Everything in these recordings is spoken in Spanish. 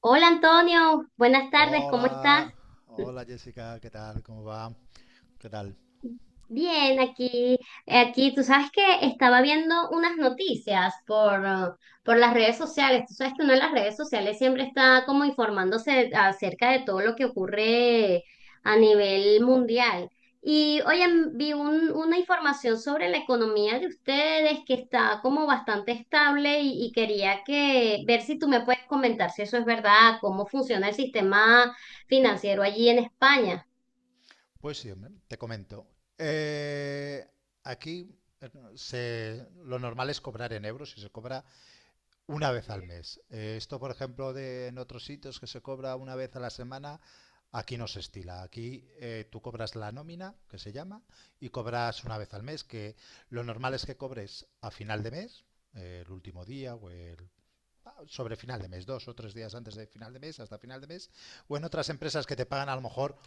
Hola Antonio, buenas tardes, ¿cómo estás? Hola, hola Jessica, ¿qué tal? ¿Cómo va? ¿Qué tal? Bien, aquí, tú sabes que estaba viendo unas noticias por las redes sociales. Tú sabes que uno en las redes sociales siempre está como informándose acerca de todo lo que ocurre a nivel mundial. Y oye, vi una información sobre la economía de ustedes que está como bastante estable, y quería que ver si tú me puedes comentar si eso es verdad, cómo funciona el sistema financiero allí en España. Pues sí, hombre, te comento. Eh, Aquí eh, lo normal es cobrar en euros y se cobra una vez al mes. Esto, por ejemplo, de en otros sitios que se cobra una vez a la semana, aquí no se estila. Aquí tú cobras la nómina, que se llama, y cobras una vez al mes, que lo normal es que cobres a final de mes, el último día o el sobre final de mes, dos o tres días antes de final de mes, hasta final de mes, o en otras empresas que te pagan a lo mejor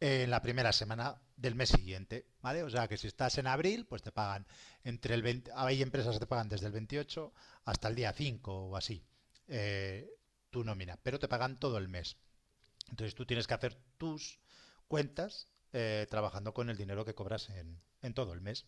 en la primera semana del mes siguiente, ¿vale? O sea que si estás en abril, pues te pagan entre el 20, hay empresas que te pagan desde el 28 hasta el día 5 o así, eh, tu nómina, pero te pagan todo el mes. Entonces tú tienes que hacer tus cuentas trabajando con el dinero que cobras en todo el mes,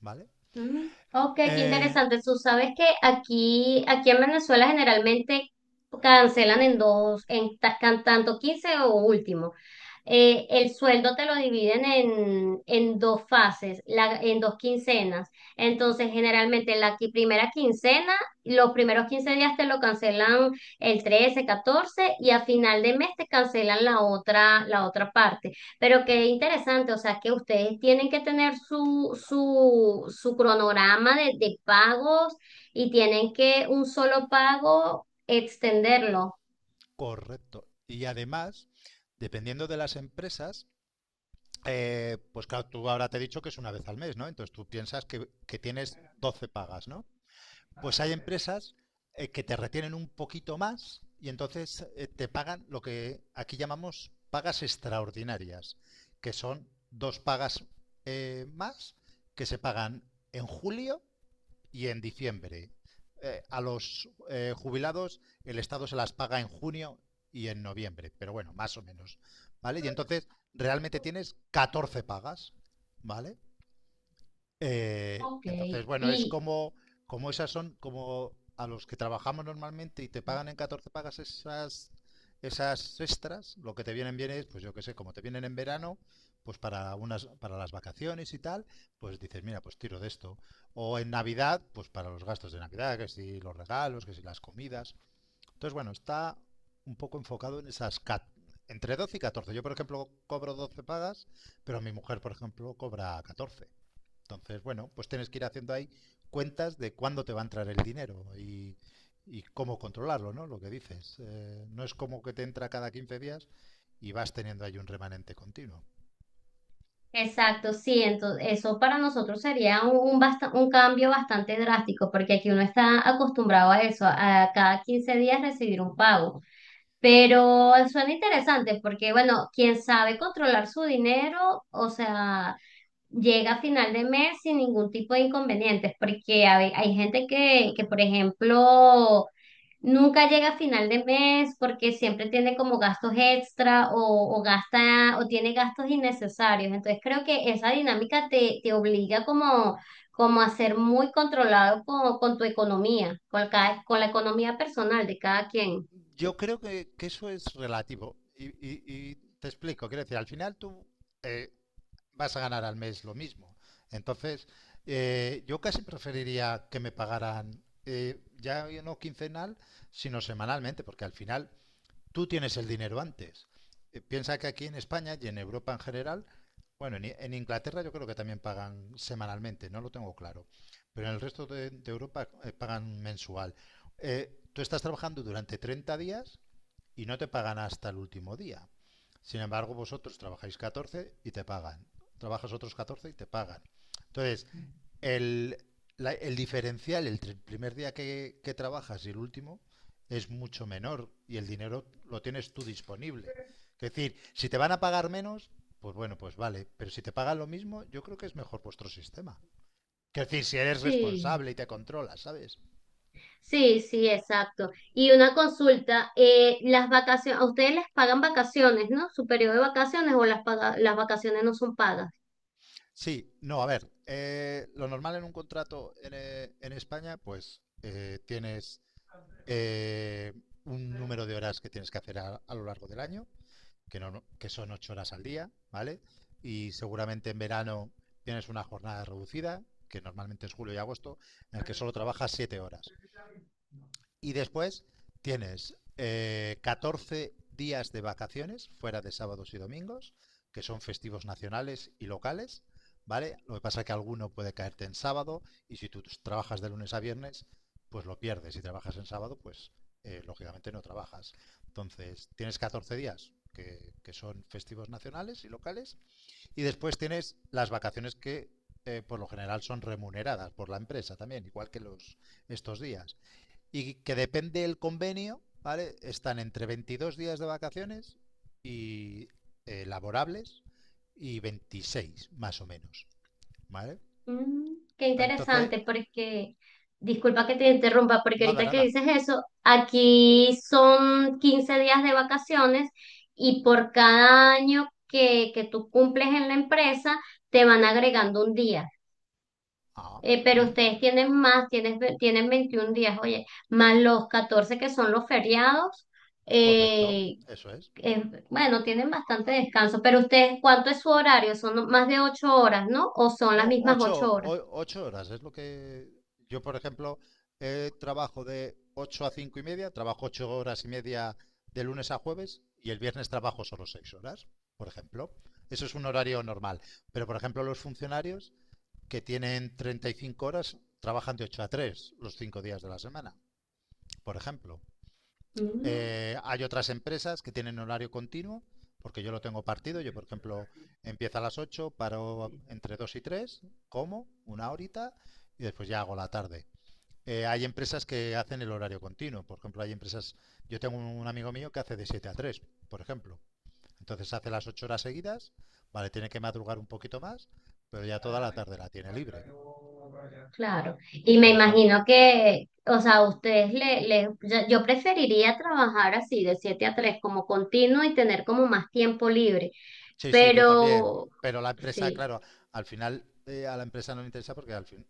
¿vale? Mm, Ok, qué Eh, interesante. Tú sabes que aquí en Venezuela generalmente cancelan en dos, en tanto 15 o último. El sueldo te lo dividen en dos fases, en dos quincenas. Entonces, generalmente la primera quincena, los primeros 15 días te lo cancelan el 13, 14, y a final de mes te cancelan la otra parte. Pero qué interesante, o sea, que ustedes tienen que tener su cronograma de pagos y tienen que un solo pago extenderlo. Correcto. Y además, dependiendo de las empresas, pues claro, tú ahora te he dicho que es una vez al mes, ¿no? Entonces tú piensas que tienes 12 pagas, ¿no? Pues hay empresas que te retienen un poquito más y entonces te pagan lo que aquí llamamos pagas extraordinarias, que son dos pagas más, que se pagan en julio y en diciembre. A los jubilados el Estado se las paga en junio y en noviembre, pero bueno, más o menos. ¿Vale? Y entonces realmente tienes 14 pagas, ¿vale? Ok, Entonces, bueno, es y como, como esas son, como a los que trabajamos normalmente y te pagan en 14 pagas, esas, esas extras, lo que te vienen bien es, pues yo qué sé, como te vienen en verano, pues para unas, para las vacaciones y tal, pues dices, mira, pues tiro de esto. O en Navidad, pues para los gastos de Navidad, que si los regalos, que si las comidas. Entonces, bueno, está un poco enfocado en esas entre 12 y 14. Yo, por ejemplo, cobro 12 pagas, pero mi mujer, por ejemplo, cobra 14. Entonces, bueno, pues tienes que ir haciendo ahí cuentas de cuándo te va a entrar el dinero y cómo controlarlo, ¿no? Lo que dices. No es como que te entra cada 15 días y vas teniendo ahí un remanente continuo. exacto, sí, entonces eso para nosotros sería un cambio bastante drástico, porque aquí uno está acostumbrado a eso, a cada 15 días recibir un pago. Pero suena interesante porque, bueno, quien sabe controlar su dinero, o sea, llega a final de mes sin ningún tipo de inconvenientes, porque hay gente que, por ejemplo, nunca llega a final de mes porque siempre tiene como gastos extra o gasta o tiene gastos innecesarios. Entonces creo que esa dinámica te obliga como a ser muy controlado con tu economía, con la economía personal de cada quien. Yo creo que eso es relativo. Y te explico, quiero decir, al final tú eh, vas a ganar al mes lo mismo. Entonces, yo casi preferiría que me pagaran ya no quincenal, sino semanalmente, porque al final tú tienes el dinero antes. Piensa que aquí en España y en Europa en general, bueno, en Inglaterra yo creo que también pagan semanalmente, no lo tengo claro, pero en el resto de Europa pagan mensual. Tú estás trabajando durante 30 días y no te pagan hasta el último día. Sin embargo, vosotros trabajáis 14 y te pagan. Trabajas otros 14 y te pagan. Entonces, el, el diferencial entre el primer día que trabajas y el último es mucho menor y el dinero lo tienes tú disponible. Es decir, si te van a pagar menos, pues bueno, pues vale, pero si te pagan lo mismo, yo creo que es mejor vuestro sistema. Es decir, si eres Sí, responsable y te controlas, ¿sabes? sí, sí, exacto. Y una consulta, las vacaciones, a ustedes les pagan vacaciones, ¿no? Su periodo de vacaciones o las vacaciones no son pagas. Sí, no, a ver, lo normal en un contrato en España, pues tienes eh, un número de horas que tienes que hacer a lo largo del año que, no, que son ocho horas al día, ¿vale? Y seguramente en verano tienes una jornada reducida, que normalmente es julio y agosto, en el que solo trabajas siete horas. Y después tienes 14 días de vacaciones fuera de sábados y domingos, que son festivos nacionales y locales, ¿vale? Lo que pasa es que alguno puede caerte en sábado y si tú trabajas de lunes a viernes, pues lo pierdes. Si trabajas en sábado, pues lógicamente no trabajas. Entonces, tienes 14 días que son festivos nacionales y locales y después tienes las vacaciones que por lo general son remuneradas por la empresa también, igual que los estos días, y que depende del convenio, ¿vale? Están entre 22 días de vacaciones y laborables y 26 más o menos, ¿vale? Mm, qué Entonces, interesante, porque disculpa que te interrumpa, porque nada, ahorita que nada. dices eso, aquí son 15 días de vacaciones y por cada año que tú cumples en la empresa, te van agregando un día. Ah, Pero ujú, ustedes tienen más, tienen 21 días, oye, más los 14 que son los feriados. correcto, eh, eso es. eh, bueno, tienen bastante descanso, pero ustedes, ¿cuánto es su horario? Son más de 8 horas, ¿no? ¿O son las No, mismas ocho, 8 horas? o 8 horas es lo que yo, por ejemplo, trabajo de 8 a 5 y media, trabajo ocho horas y media de lunes a jueves y el viernes trabajo solo 6 horas, por ejemplo. Eso es un horario normal. Pero, por ejemplo, los funcionarios que tienen 35 horas trabajan de 8 a 3 los 5 días de la semana, por ejemplo. Mm, Hay otras empresas que tienen horario continuo, porque yo lo tengo partido. Yo, por ejemplo, empiezo a las ocho, paro entre 2 y tres, como una horita, y después ya hago la tarde. Hay empresas que hacen el horario continuo. Por ejemplo, hay empresas. Yo tengo un amigo mío que hace de 7 a tres, por ejemplo. Entonces hace las 8 horas seguidas, vale, tiene que madrugar un poquito más, pero ya toda la tarde la tiene libre, claro. Y me por ejemplo. imagino que, o sea, a ustedes yo preferiría trabajar así, de 7 a 3 como continuo y tener como más tiempo libre, Sí, sí, yo también. pero Pero la empresa, sí. claro, al final a la empresa no le interesa porque al fin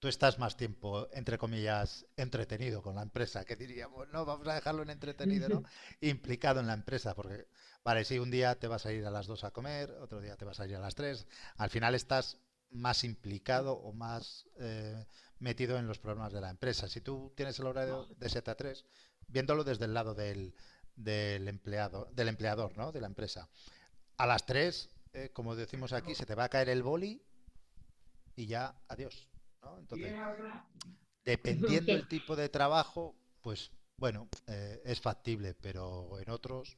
tú estás más tiempo, entre comillas, entretenido con la empresa, que diríamos, no, vamos a dejarlo en entretenido, ¿no? Implicado en la empresa, porque, vale, sí, un día te vas a ir a las 2 a comer, otro día te vas a ir a las tres, al final estás más implicado o más metido en los problemas de la empresa. Si tú tienes el horario de 7 a 3, viéndolo desde el lado del empleado, del empleador, ¿no? De la empresa. A las 3, como decimos aquí, se te va a caer el boli y ya, adiós. ¿No? Entonces, dependiendo el tipo de trabajo, pues bueno, es factible, pero en otros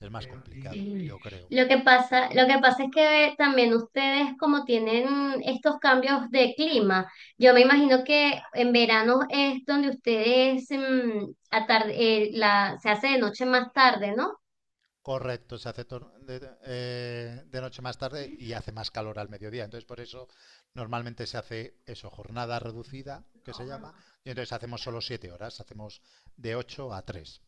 es más complicado, Sí. yo creo. Lo que pasa es que también ustedes como tienen estos cambios de clima, yo me imagino que en verano es donde ustedes se hace de noche más tarde, ¿no? Correcto, se hace de, noche más tarde y hace más calor al mediodía. Entonces, por eso normalmente se hace eso, jornada reducida, que se llama, y entonces hacemos solo siete horas, hacemos de 8 a tres.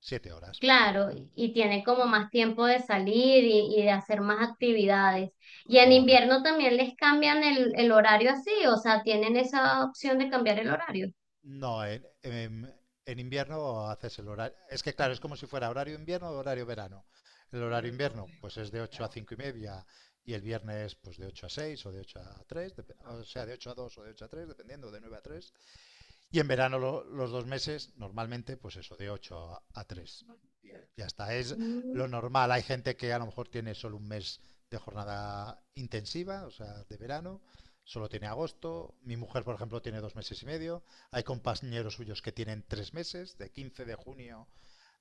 Siete horas, Claro, y tienen como más tiempo de salir y de hacer más actividades. Y en invierno correcto. también les cambian el horario así, o sea, tienen esa opción de cambiar el horario. No, en invierno haces el horario. Es que claro, es como si fuera horario invierno o horario verano. El horario invierno, pues es de 8 a 5 y media y el viernes, pues de 8 a 6 o de 8 a 3, o sea, de 8 a 2 o de ocho a 3, dependiendo, de 9 a 3. Y en verano los dos meses, normalmente, pues eso, de 8 a tres. Y ya está, es Mm, lo normal. Hay gente que a lo mejor tiene solo un mes de jornada intensiva, o sea, de verano, solo tiene agosto. Mi mujer, por ejemplo, tiene dos meses y medio. Hay compañeros suyos que tienen tres meses, de 15 de junio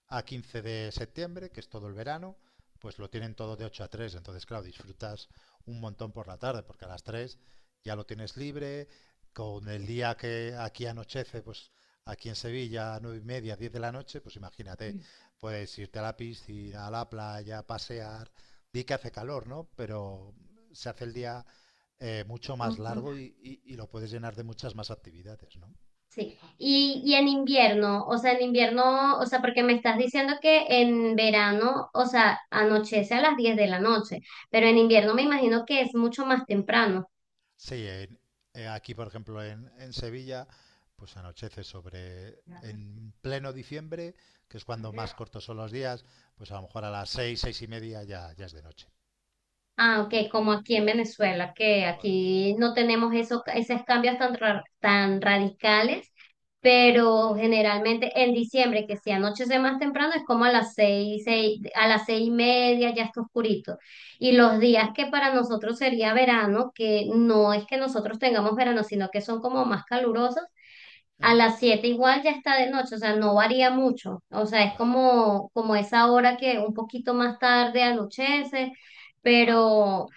a 15 de septiembre, que es todo el verano, pues lo tienen todo de 8 a tres. Entonces, claro, disfrutas un montón por la tarde, porque a las 3 ya lo tienes libre. Con el día que aquí anochece, pues aquí en Sevilla, a 9 y media, 10 de la noche, pues imagínate, mm, puedes irte a la piscina, a la playa, pasear. Di que hace calor, ¿no? Pero se hace el día mucho más mm. largo y, y lo puedes llenar de muchas más actividades, ¿no? Sí, y en invierno, o sea, en invierno, o sea, porque me estás diciendo que en verano, o sea, anochece a las 10 de la noche, pero en invierno me imagino que es mucho más temprano. Sí, aquí por ejemplo en Sevilla, pues anochece sobre, en pleno diciembre, que es cuando más cortos son los días, pues a lo mejor a las seis, seis y media, ya, ya es de noche. Ah, ok, como aquí en Venezuela, que Por eso. aquí no tenemos esos cambios tan radicales, pero generalmente en diciembre, que si anochece más temprano, es como a las 6, a las 6:30 ya está oscurito. Y los días que para nosotros sería verano, que no es que nosotros tengamos verano, sino que son como más calurosos, a Ujú. las 7 igual ya está de noche, o sea, no varía mucho. O sea, es Claro, como esa hora que un poquito más tarde anochece, pero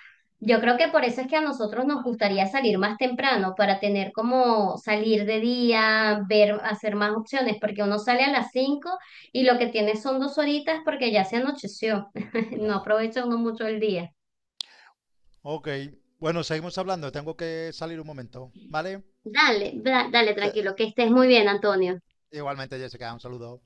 yo creo que por eso es que a nosotros nos gustaría salir más temprano, para tener como salir de día, ver, hacer más opciones, porque uno sale a las 5 y lo que tiene son dos horitas porque ya se anocheció. No claro. aprovecha uno mucho el día. Ok, bueno, seguimos hablando, tengo que salir un momento, ¿vale? Dale, dale, Te- tranquilo, que estés muy bien, Antonio. Igualmente, Jessica, un saludo.